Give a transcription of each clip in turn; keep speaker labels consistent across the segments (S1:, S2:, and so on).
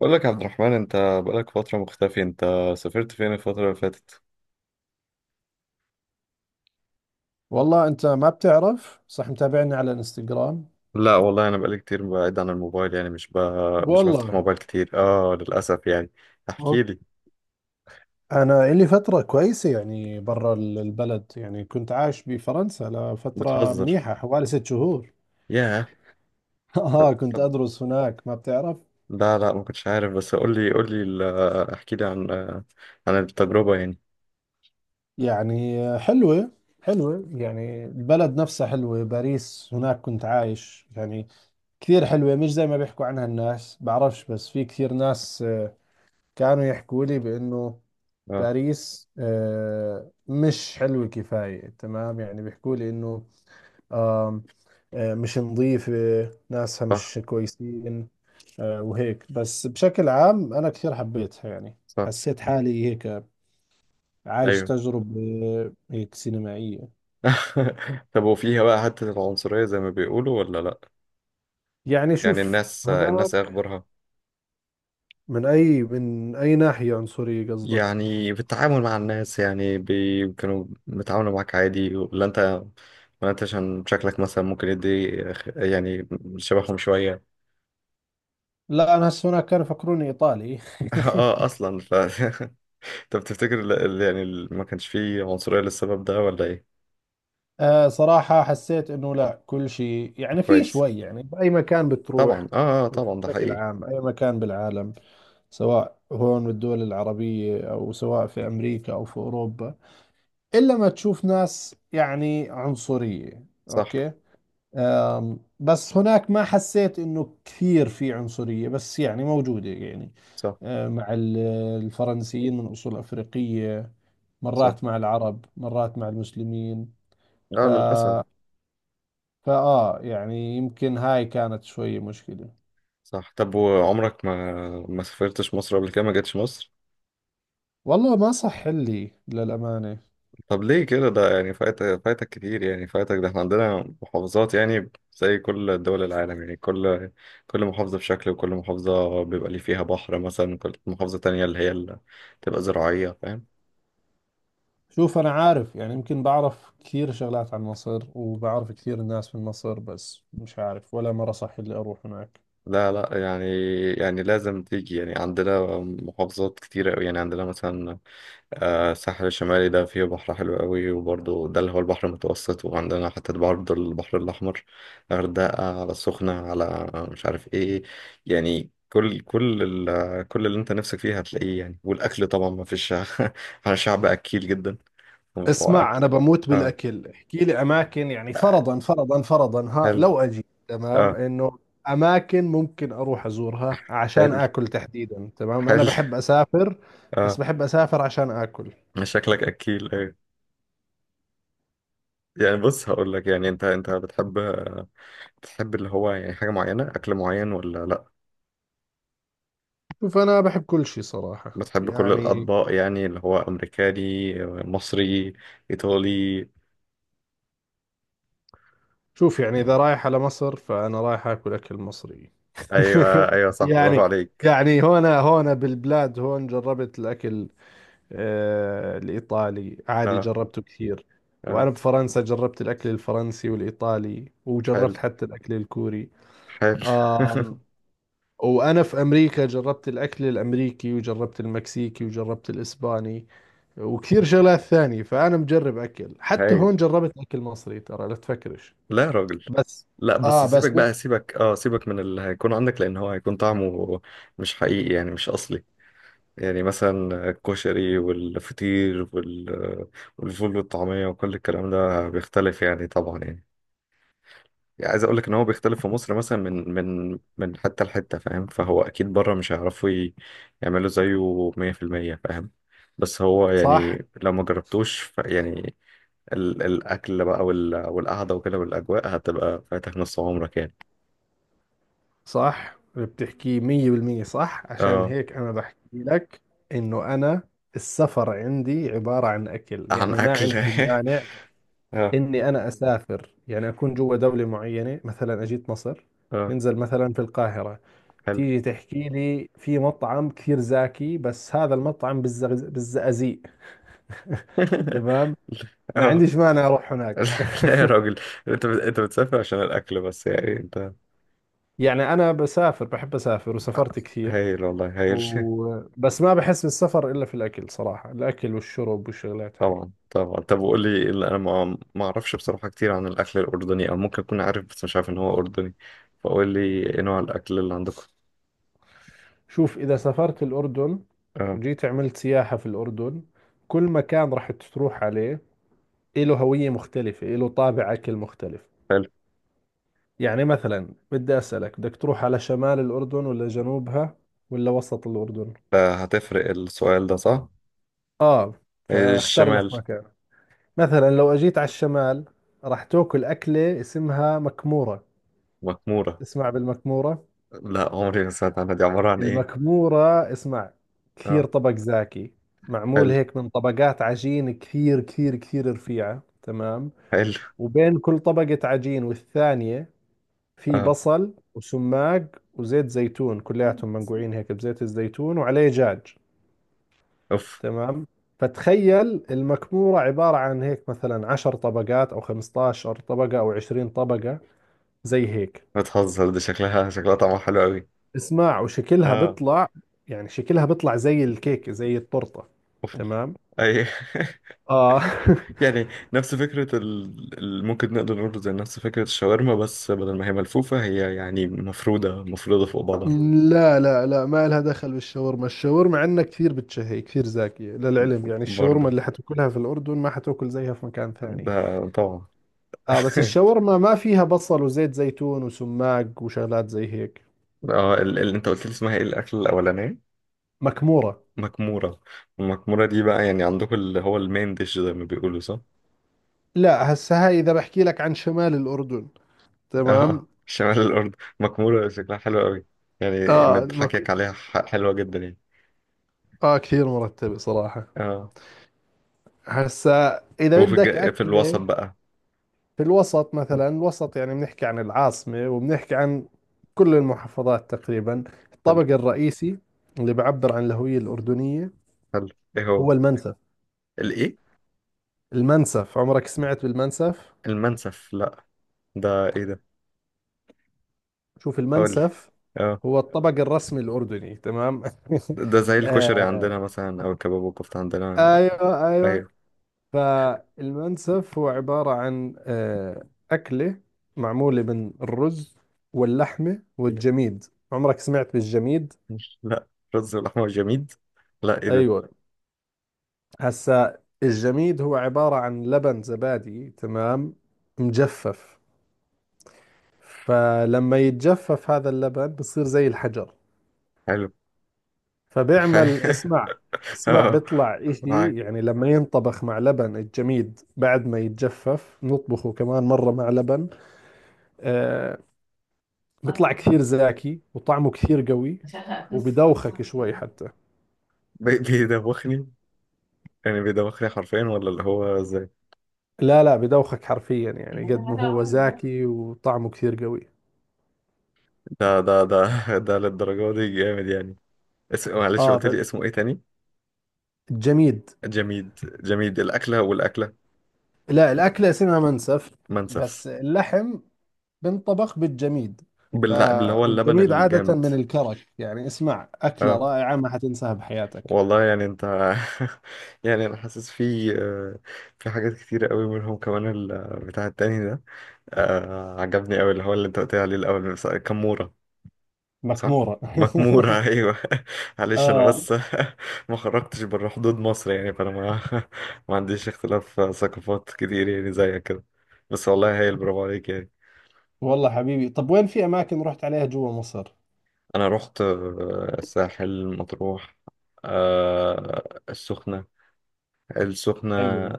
S1: بقول لك يا عبد الرحمن، انت بقالك فترة مختفي. انت سافرت فين الفترة اللي فاتت؟
S2: والله انت ما بتعرف، صح؟ متابعني على الانستغرام.
S1: لا والله، انا بقالي كتير بعيد عن الموبايل. يعني مش بفتح
S2: والله
S1: موبايل كتير، للأسف يعني. احكي
S2: أوك.
S1: لي.
S2: انا لي فترة كويسة يعني برا البلد، يعني كنت عايش بفرنسا لفترة
S1: بتهزر.
S2: منيحة حوالي 6 شهور.
S1: ياه. طب
S2: اه كنت
S1: طب
S2: ادرس هناك، ما بتعرف.
S1: لا لا، ما كنتش عارف. بس قول لي احكي لي عن التجربة يعني.
S2: يعني حلوة، حلوة. يعني البلد نفسها حلوة، باريس، هناك كنت عايش يعني. كثير حلوة، مش زي ما بيحكوا عنها الناس، بعرفش، بس في كثير ناس كانوا يحكوا لي بانه
S1: اه،
S2: باريس مش حلوة كفاية. تمام، يعني بيحكوا لي إنه آم، مش نظيفة، ناسها
S1: صح
S2: مش كويسين. وهيك، بس بشكل عام أنا كثير حبيتها يعني.
S1: صح،
S2: حسيت حالي هيك عايش
S1: ايوه.
S2: تجربة هيك سينمائية.
S1: طب، وفيها بقى حتة العنصرية زي ما بيقولوا ولا لا؟
S2: يعني
S1: يعني
S2: شوف،
S1: الناس ايه
S2: هناك
S1: اخبارها؟
S2: من أي، من أي ناحية عنصرية قصدك؟
S1: يعني في التعامل مع الناس، يعني كانوا بيتعاملوا معاك عادي، ولا انت عشان شكلك مثلا ممكن يدي يعني شبههم شوية.
S2: لا، أنا هسه هناك كانوا يفكروني إيطالي.
S1: اه، اصلا طب تفتكر ما كانش فيه عنصرية للسبب ده ولا ايه؟
S2: آه صراحة حسيت انه لا، كل شيء يعني في
S1: كويس.
S2: شوي يعني بأي مكان
S1: طبعا
S2: بتروح،
S1: اه اه طبعا ده
S2: بشكل
S1: حقيقي.
S2: عام أي مكان بالعالم، سواء هون بالدول العربية أو سواء في أمريكا أو في أوروبا، إلا ما تشوف ناس يعني عنصرية،
S1: صح
S2: أوكي. آم، بس هناك ما حسيت إنه كثير في عنصرية، بس يعني موجودة يعني.
S1: صح
S2: آه مع الفرنسيين من أصول أفريقية،
S1: صح،
S2: مرات مع العرب، مرات مع المسلمين. ف
S1: اه، للأسف.
S2: فآه يعني يمكن هاي كانت شوي مشكلة.
S1: صح. طب وعمرك ما سافرتش مصر قبل كده، ما جيتش مصر؟
S2: والله ما صح لي، للأمانة.
S1: طب ليه كده؟ ده يعني فايتك كتير، يعني فايتك ده. احنا عندنا محافظات، يعني زي كل دول العالم. يعني كل محافظة بشكل، وكل محافظة بيبقى ليه فيها بحر مثلا، كل محافظة تانية اللي هي اللي تبقى زراعية، فاهم؟
S2: شوف، أنا عارف يعني، يمكن بعرف كثير شغلات عن مصر وبعرف كثير ناس من مصر، بس مش عارف ولا مرة صح لي أروح هناك.
S1: لا لا، يعني لازم تيجي. يعني عندنا محافظات كتيرة أوي. يعني عندنا مثلا الساحل الشمالي، ده فيه بحر حلو قوي، وبرضه ده اللي هو البحر المتوسط. وعندنا حتة برضه البحر الأحمر، غردقة، على السخنة، على مش عارف إيه. يعني كل اللي أنت نفسك فيه هتلاقيه يعني. والأكل طبعا ما فيش. احنا شعب أكيل جدا، ومتوقع
S2: اسمع، أنا
S1: أكل.
S2: بموت
S1: آه،
S2: بالأكل. احكي لي أماكن، يعني فرضا، فرضا، فرضا، ها
S1: حلو.
S2: لو أجي، تمام،
S1: آه،
S2: إنه أماكن ممكن أروح أزورها عشان
S1: حلو
S2: آكل تحديدا. تمام، أنا
S1: حلو.
S2: بحب أسافر بس
S1: آه.
S2: بحب أسافر عشان آكل.
S1: شكلك أكيل، آه. يعني بص، هقول لك. يعني انت بتحب اللي هو يعني حاجة معينة، أكل معين ولا لأ؟
S2: شوف، أنا بحب كل شيء صراحة
S1: بتحب كل
S2: يعني.
S1: الأطباق، يعني اللي هو أمريكاني، مصري، إيطالي.
S2: شوف، يعني إذا رايح على مصر فأنا رايح آكل أكل مصري.
S1: أيوه أيوه، صح، برافو
S2: يعني،
S1: عليك.
S2: يعني هنا بالبلاد هون جربت الأكل، آه الإيطالي عادي
S1: اه
S2: جربته كثير. وأنا
S1: اه،
S2: بفرنسا جربت الأكل الفرنسي والإيطالي،
S1: حلو
S2: وجربت حتى الأكل الكوري.
S1: حلو.
S2: آم. وأنا في أمريكا جربت الأكل الأمريكي، وجربت المكسيكي، وجربت الإسباني، وكثير شغلات ثانية. فأنا مجرب أكل، حتى
S1: هايل.
S2: هون جربت أكل مصري، ترى لا تفكرش.
S1: لا يا راجل.
S2: بس
S1: لا بس
S2: اه،
S1: سيبك
S2: بس
S1: بقى سيبك اه سيبك من اللي هيكون عندك، لأن هو هيكون طعمه مش حقيقي، يعني مش أصلي. يعني مثلا الكشري والفطير والفول والطعمية، وكل الكلام ده بيختلف يعني، طبعا يعني، يعني عايز اقول لك ان هو بيختلف في مصر مثلا من حتة لحتة، فاهم؟ فهو اكيد بره مش هيعرفوا يعملوا زيه 100%، فاهم؟ بس هو
S2: صح،
S1: يعني لو ما جربتوش يعني الاكل بقى والقعدة وكده والاجواء هتبقى فاتك نص عمرك يعني.
S2: صح بتحكي مية بالمية. صح، عشان
S1: اه.
S2: هيك أنا بحكي لك إنه أنا السفر عندي عبارة عن أكل،
S1: عن
S2: يعني ما
S1: اكل.
S2: عندي مانع
S1: اه
S2: إني أنا أسافر يعني أكون جوا دولة معينة، مثلا أجيت مصر،
S1: اه،
S2: ننزل مثلا في القاهرة،
S1: حلو.
S2: تيجي تحكي لي في مطعم كثير زاكي بس هذا المطعم بالزغز... بالزقازيق. تمام، ما
S1: اه.
S2: عنديش مانع أروح هناك.
S1: لا يا راجل. انت بتسافر عشان الاكل بس يعني، انت.
S2: يعني أنا بسافر، بحب أسافر، وسافرت كثير.
S1: هايل، والله هايل.
S2: بس ما بحس بالسفر إلا في الأكل صراحة، الأكل والشرب والشغلات هاي.
S1: طبعا طبعا. طب وقول لي ايه اللي انا ما اعرفش بصراحه كتير عن الاكل الاردني، او ممكن اكون عارف بس مش عارف ان هو اردني. فقول لي ايه نوع الاكل اللي عندكم؟
S2: شوف، إذا سافرت الأردن
S1: اه،
S2: وجيت عملت سياحة في الأردن، كل مكان راح تروح عليه إله هوية مختلفة، إله طابع أكل مختلف.
S1: حلو.
S2: يعني مثلا بدي أسألك، بدك تروح على شمال الأردن ولا جنوبها ولا وسط الأردن؟
S1: هتفرق. السؤال ده صح.
S2: آه، فاختار لك
S1: الشمال.
S2: مكان. مثلا لو أجيت على الشمال، راح تاكل أكلة اسمها مكمورة.
S1: مكموره؟
S2: تسمع بالمكمورة؟
S1: لا، عمري ما سمعت عنها. دي عباره عن ايه؟
S2: المكمورة، اسمع، كثير
S1: اه،
S2: طبق زاكي، معمول
S1: حلو
S2: هيك من طبقات عجين كثير كثير كثير رفيعة. تمام،
S1: حلو.
S2: وبين كل طبقة عجين والثانية في
S1: اه،
S2: بصل وسماق وزيت زيتون، كلياتهم منقوعين هيك بزيت الزيتون وعليه جاج.
S1: اوف.
S2: تمام، فتخيل المكمورة عبارة عن هيك مثلا 10 طبقات أو 15 طبقة أو 20 طبقة، زي هيك.
S1: بتهزر. دي شكلها طعمها حلو قوي.
S2: اسمع، وشكلها
S1: اه،
S2: بيطلع، يعني شكلها بيطلع زي الكيك زي التورتة.
S1: اوف أوف.
S2: تمام،
S1: اي.
S2: اه.
S1: يعني نفس فكرة ممكن نقدر نقول زي نفس فكرة الشاورما، بس بدل ما هي ملفوفة، هي يعني مفرودة مفرودة فوق بعضها.
S2: لا لا لا، ما لها دخل بالشاورما. الشاورما عندنا كثير بتشهي، كثير زاكية للعلم. يعني الشاورما
S1: برضه،
S2: اللي حتاكلها في الأردن ما حتاكل زيها في مكان ثاني.
S1: ده طبعا.
S2: آه بس الشاورما ما فيها بصل وزيت زيتون وسماق وشغلات زي هيك.
S1: اه، انت قلت لي اسمها ايه الأكل الأولانية؟
S2: مكمورة.
S1: مكمورة. المكمورة دي بقى يعني عندكم اللي هو المين ديش زي ما بيقولوا، صح؟
S2: لا هسه هاي إذا بحكي لك عن شمال الأردن. تمام،
S1: اه، شمال الأرض مكمورة، شكلها حلو قوي. يعني
S2: آه
S1: من
S2: المك...
S1: حكيك عليها حلوة جدا يعني.
S2: آه كثير مرتبة صراحة.
S1: اه.
S2: هسه إذا
S1: وفي
S2: بدك
S1: في الوسط
S2: أكلة
S1: بقى.
S2: في الوسط، مثلا الوسط يعني بنحكي عن العاصمة وبنحكي عن كل المحافظات تقريبا،
S1: حلو
S2: الطبق الرئيسي اللي بعبر عن الهوية الأردنية
S1: حلو. ايه هو؟
S2: هو المنسف.
S1: الايه؟
S2: المنسف، عمرك سمعت بالمنسف؟
S1: المنسف؟ لا، ده ايه ده؟
S2: شوف،
S1: قول لي.
S2: المنسف
S1: اه.
S2: هو الطبق الرسمي الأردني. تمام،
S1: ده زي الكشري
S2: آه،
S1: عندنا مثلا، او الكباب والكفته عندنا.
S2: ايوه ايوه.
S1: ايوه.
S2: فالمنسف هو عبارة عن آه أكلة معمولة من الرز واللحمة والجميد. عمرك سمعت بالجميد؟
S1: مش، لا. رز ولحمه وجميد. لا، ايه ده؟
S2: ايوه، هسا الجميد هو عبارة عن لبن زبادي، تمام، مجفف. فلما يتجفف هذا اللبن بصير زي الحجر.
S1: حلو.
S2: فبيعمل، اسمع، اسمع
S1: اه،
S2: بيطلع اشي
S1: معاك.
S2: يعني، لما ينطبخ مع لبن الجميد بعد ما يتجفف نطبخه كمان مرة مع لبن. آه، بيطلع كثير زاكي وطعمه كثير قوي، وبدوخك شوي حتى.
S1: بيدوخني؟ يعني بيدوخني حرفيا ولا اللي هو ازاي؟
S2: لا لا، بدوخك حرفيا، يعني قد ما هو زاكي وطعمه كثير قوي.
S1: ده ده للدرجه دي جامد يعني؟ معلش
S2: اه
S1: قلت لي اسمه ايه تاني؟
S2: الجميد.
S1: جميد، جميد. الاكله
S2: لا، الأكلة اسمها منسف،
S1: منسف.
S2: بس اللحم بنطبخ بالجميد. ف...
S1: باللي هو اللبن
S2: والجميد عادة
S1: الجامد.
S2: من الكرك. يعني اسمع، أكلة
S1: اه.
S2: رائعة ما حتنساها بحياتك.
S1: والله يعني انت. يعني انا حاسس في حاجات كتيرة قوي منهم، كمان بتاع التاني ده، عجبني قوي اللي هو اللي انت قلت لي عليه الاول، كمورة. صح.
S2: مكمورة.
S1: مكمورة. ايوه. معلش، انا
S2: آه.
S1: بس ما خرجتش بره حدود مصر يعني، فانا ما ما عنديش اختلاف ثقافات كتير يعني زيك كده. بس والله هايل، برافو عليك يعني.
S2: والله حبيبي، طب وين في أماكن رحت عليها جوا مصر؟
S1: انا رحت الساحل، مطروح، آه، السخنة السخنة،
S2: حلو.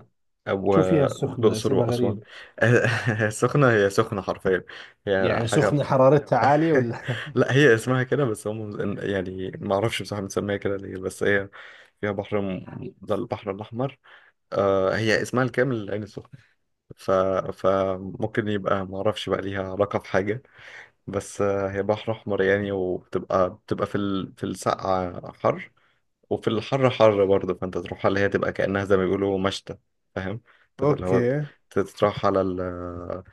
S1: أو
S2: شو فيها السخنة،
S1: الأقصر
S2: اسمها
S1: وأسوان.
S2: غريب،
S1: السخنة هي سخنة حرفيا. هي
S2: يعني
S1: حاجة.
S2: سخنة حرارتها عالية ولا؟
S1: لا، هي اسمها كده بس، هم يعني ما أعرفش بصراحة بنسميها كده ليه، بس هي فيها بحر ده البحر الأحمر. آه، هي اسمها الكامل العين السخنة. ف... فممكن يبقى، ما أعرفش بقى ليها علاقة في حاجة. بس هي بحر أحمر يعني. وبتبقى في السقعة حر، وفي الحر حر برضه. فانت تروح على اللي هي تبقى كأنها زي ما بيقولوا مشتى، فاهم؟ تبقى اللي هو،
S2: اوكي.
S1: تتراح على ال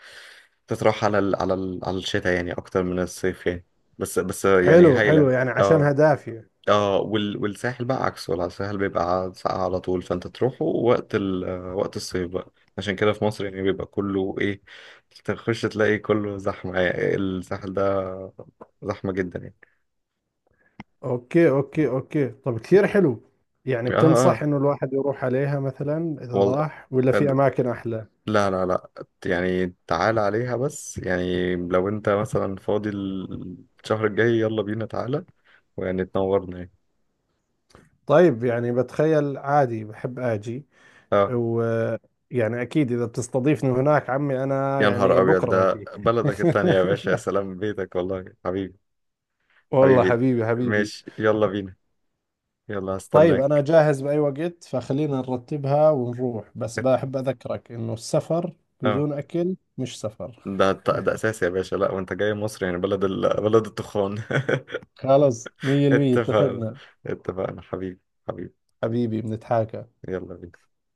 S1: تتراح على الشتاء يعني، اكتر من الصيف يعني. بس يعني
S2: حلو، حلو،
S1: هايلة.
S2: يعني عشانها
S1: اه
S2: دافية.
S1: اه. والساحل بقى عكسه، ولا الساحل بيبقى ساقع على طول. فانت تروحه وقت الصيف بقى. عشان كده في مصر يعني بيبقى كله ايه، تخش تلاقي كله زحمة يعني. الساحل ده زحمة جدا يعني.
S2: اوكي اوكي اوكي، طب كثير حلو. يعني
S1: اه
S2: بتنصح
S1: اه،
S2: انه الواحد يروح عليها مثلا اذا
S1: والله.
S2: راح، ولا في اماكن احلى؟
S1: لا لا لا. يعني تعال عليها بس، يعني لو انت مثلا فاضي الشهر الجاي، يلا بينا، تعالى ويعني تنورنا يعني.
S2: طيب يعني بتخيل عادي بحب اجي،
S1: اه،
S2: و يعني اكيد اذا بتستضيفني هناك عمي، انا
S1: يا نهار
S2: يعني
S1: ابيض،
S2: بكره
S1: ده
S2: باجي.
S1: بلدك التانية يا باشا، يا سلام، بيتك والله حبيبي.
S2: والله
S1: حبيبي،
S2: حبيبي، حبيبي.
S1: ماشي. يلا بينا، يلا
S2: طيب انا
S1: هستناك.
S2: جاهز باي وقت، فخلينا نرتبها ونروح، بس بحب اذكرك انه السفر
S1: اه،
S2: بدون اكل مش سفر.
S1: ده اساسي يا باشا. لا وانت جاي مصر يعني، بلد بلد التخان.
S2: خلاص 100%
S1: اتفقنا
S2: اتفقنا
S1: اتفقنا، حبيبي حبيبي،
S2: حبيبي، بنتحاكى.
S1: يلا بينا.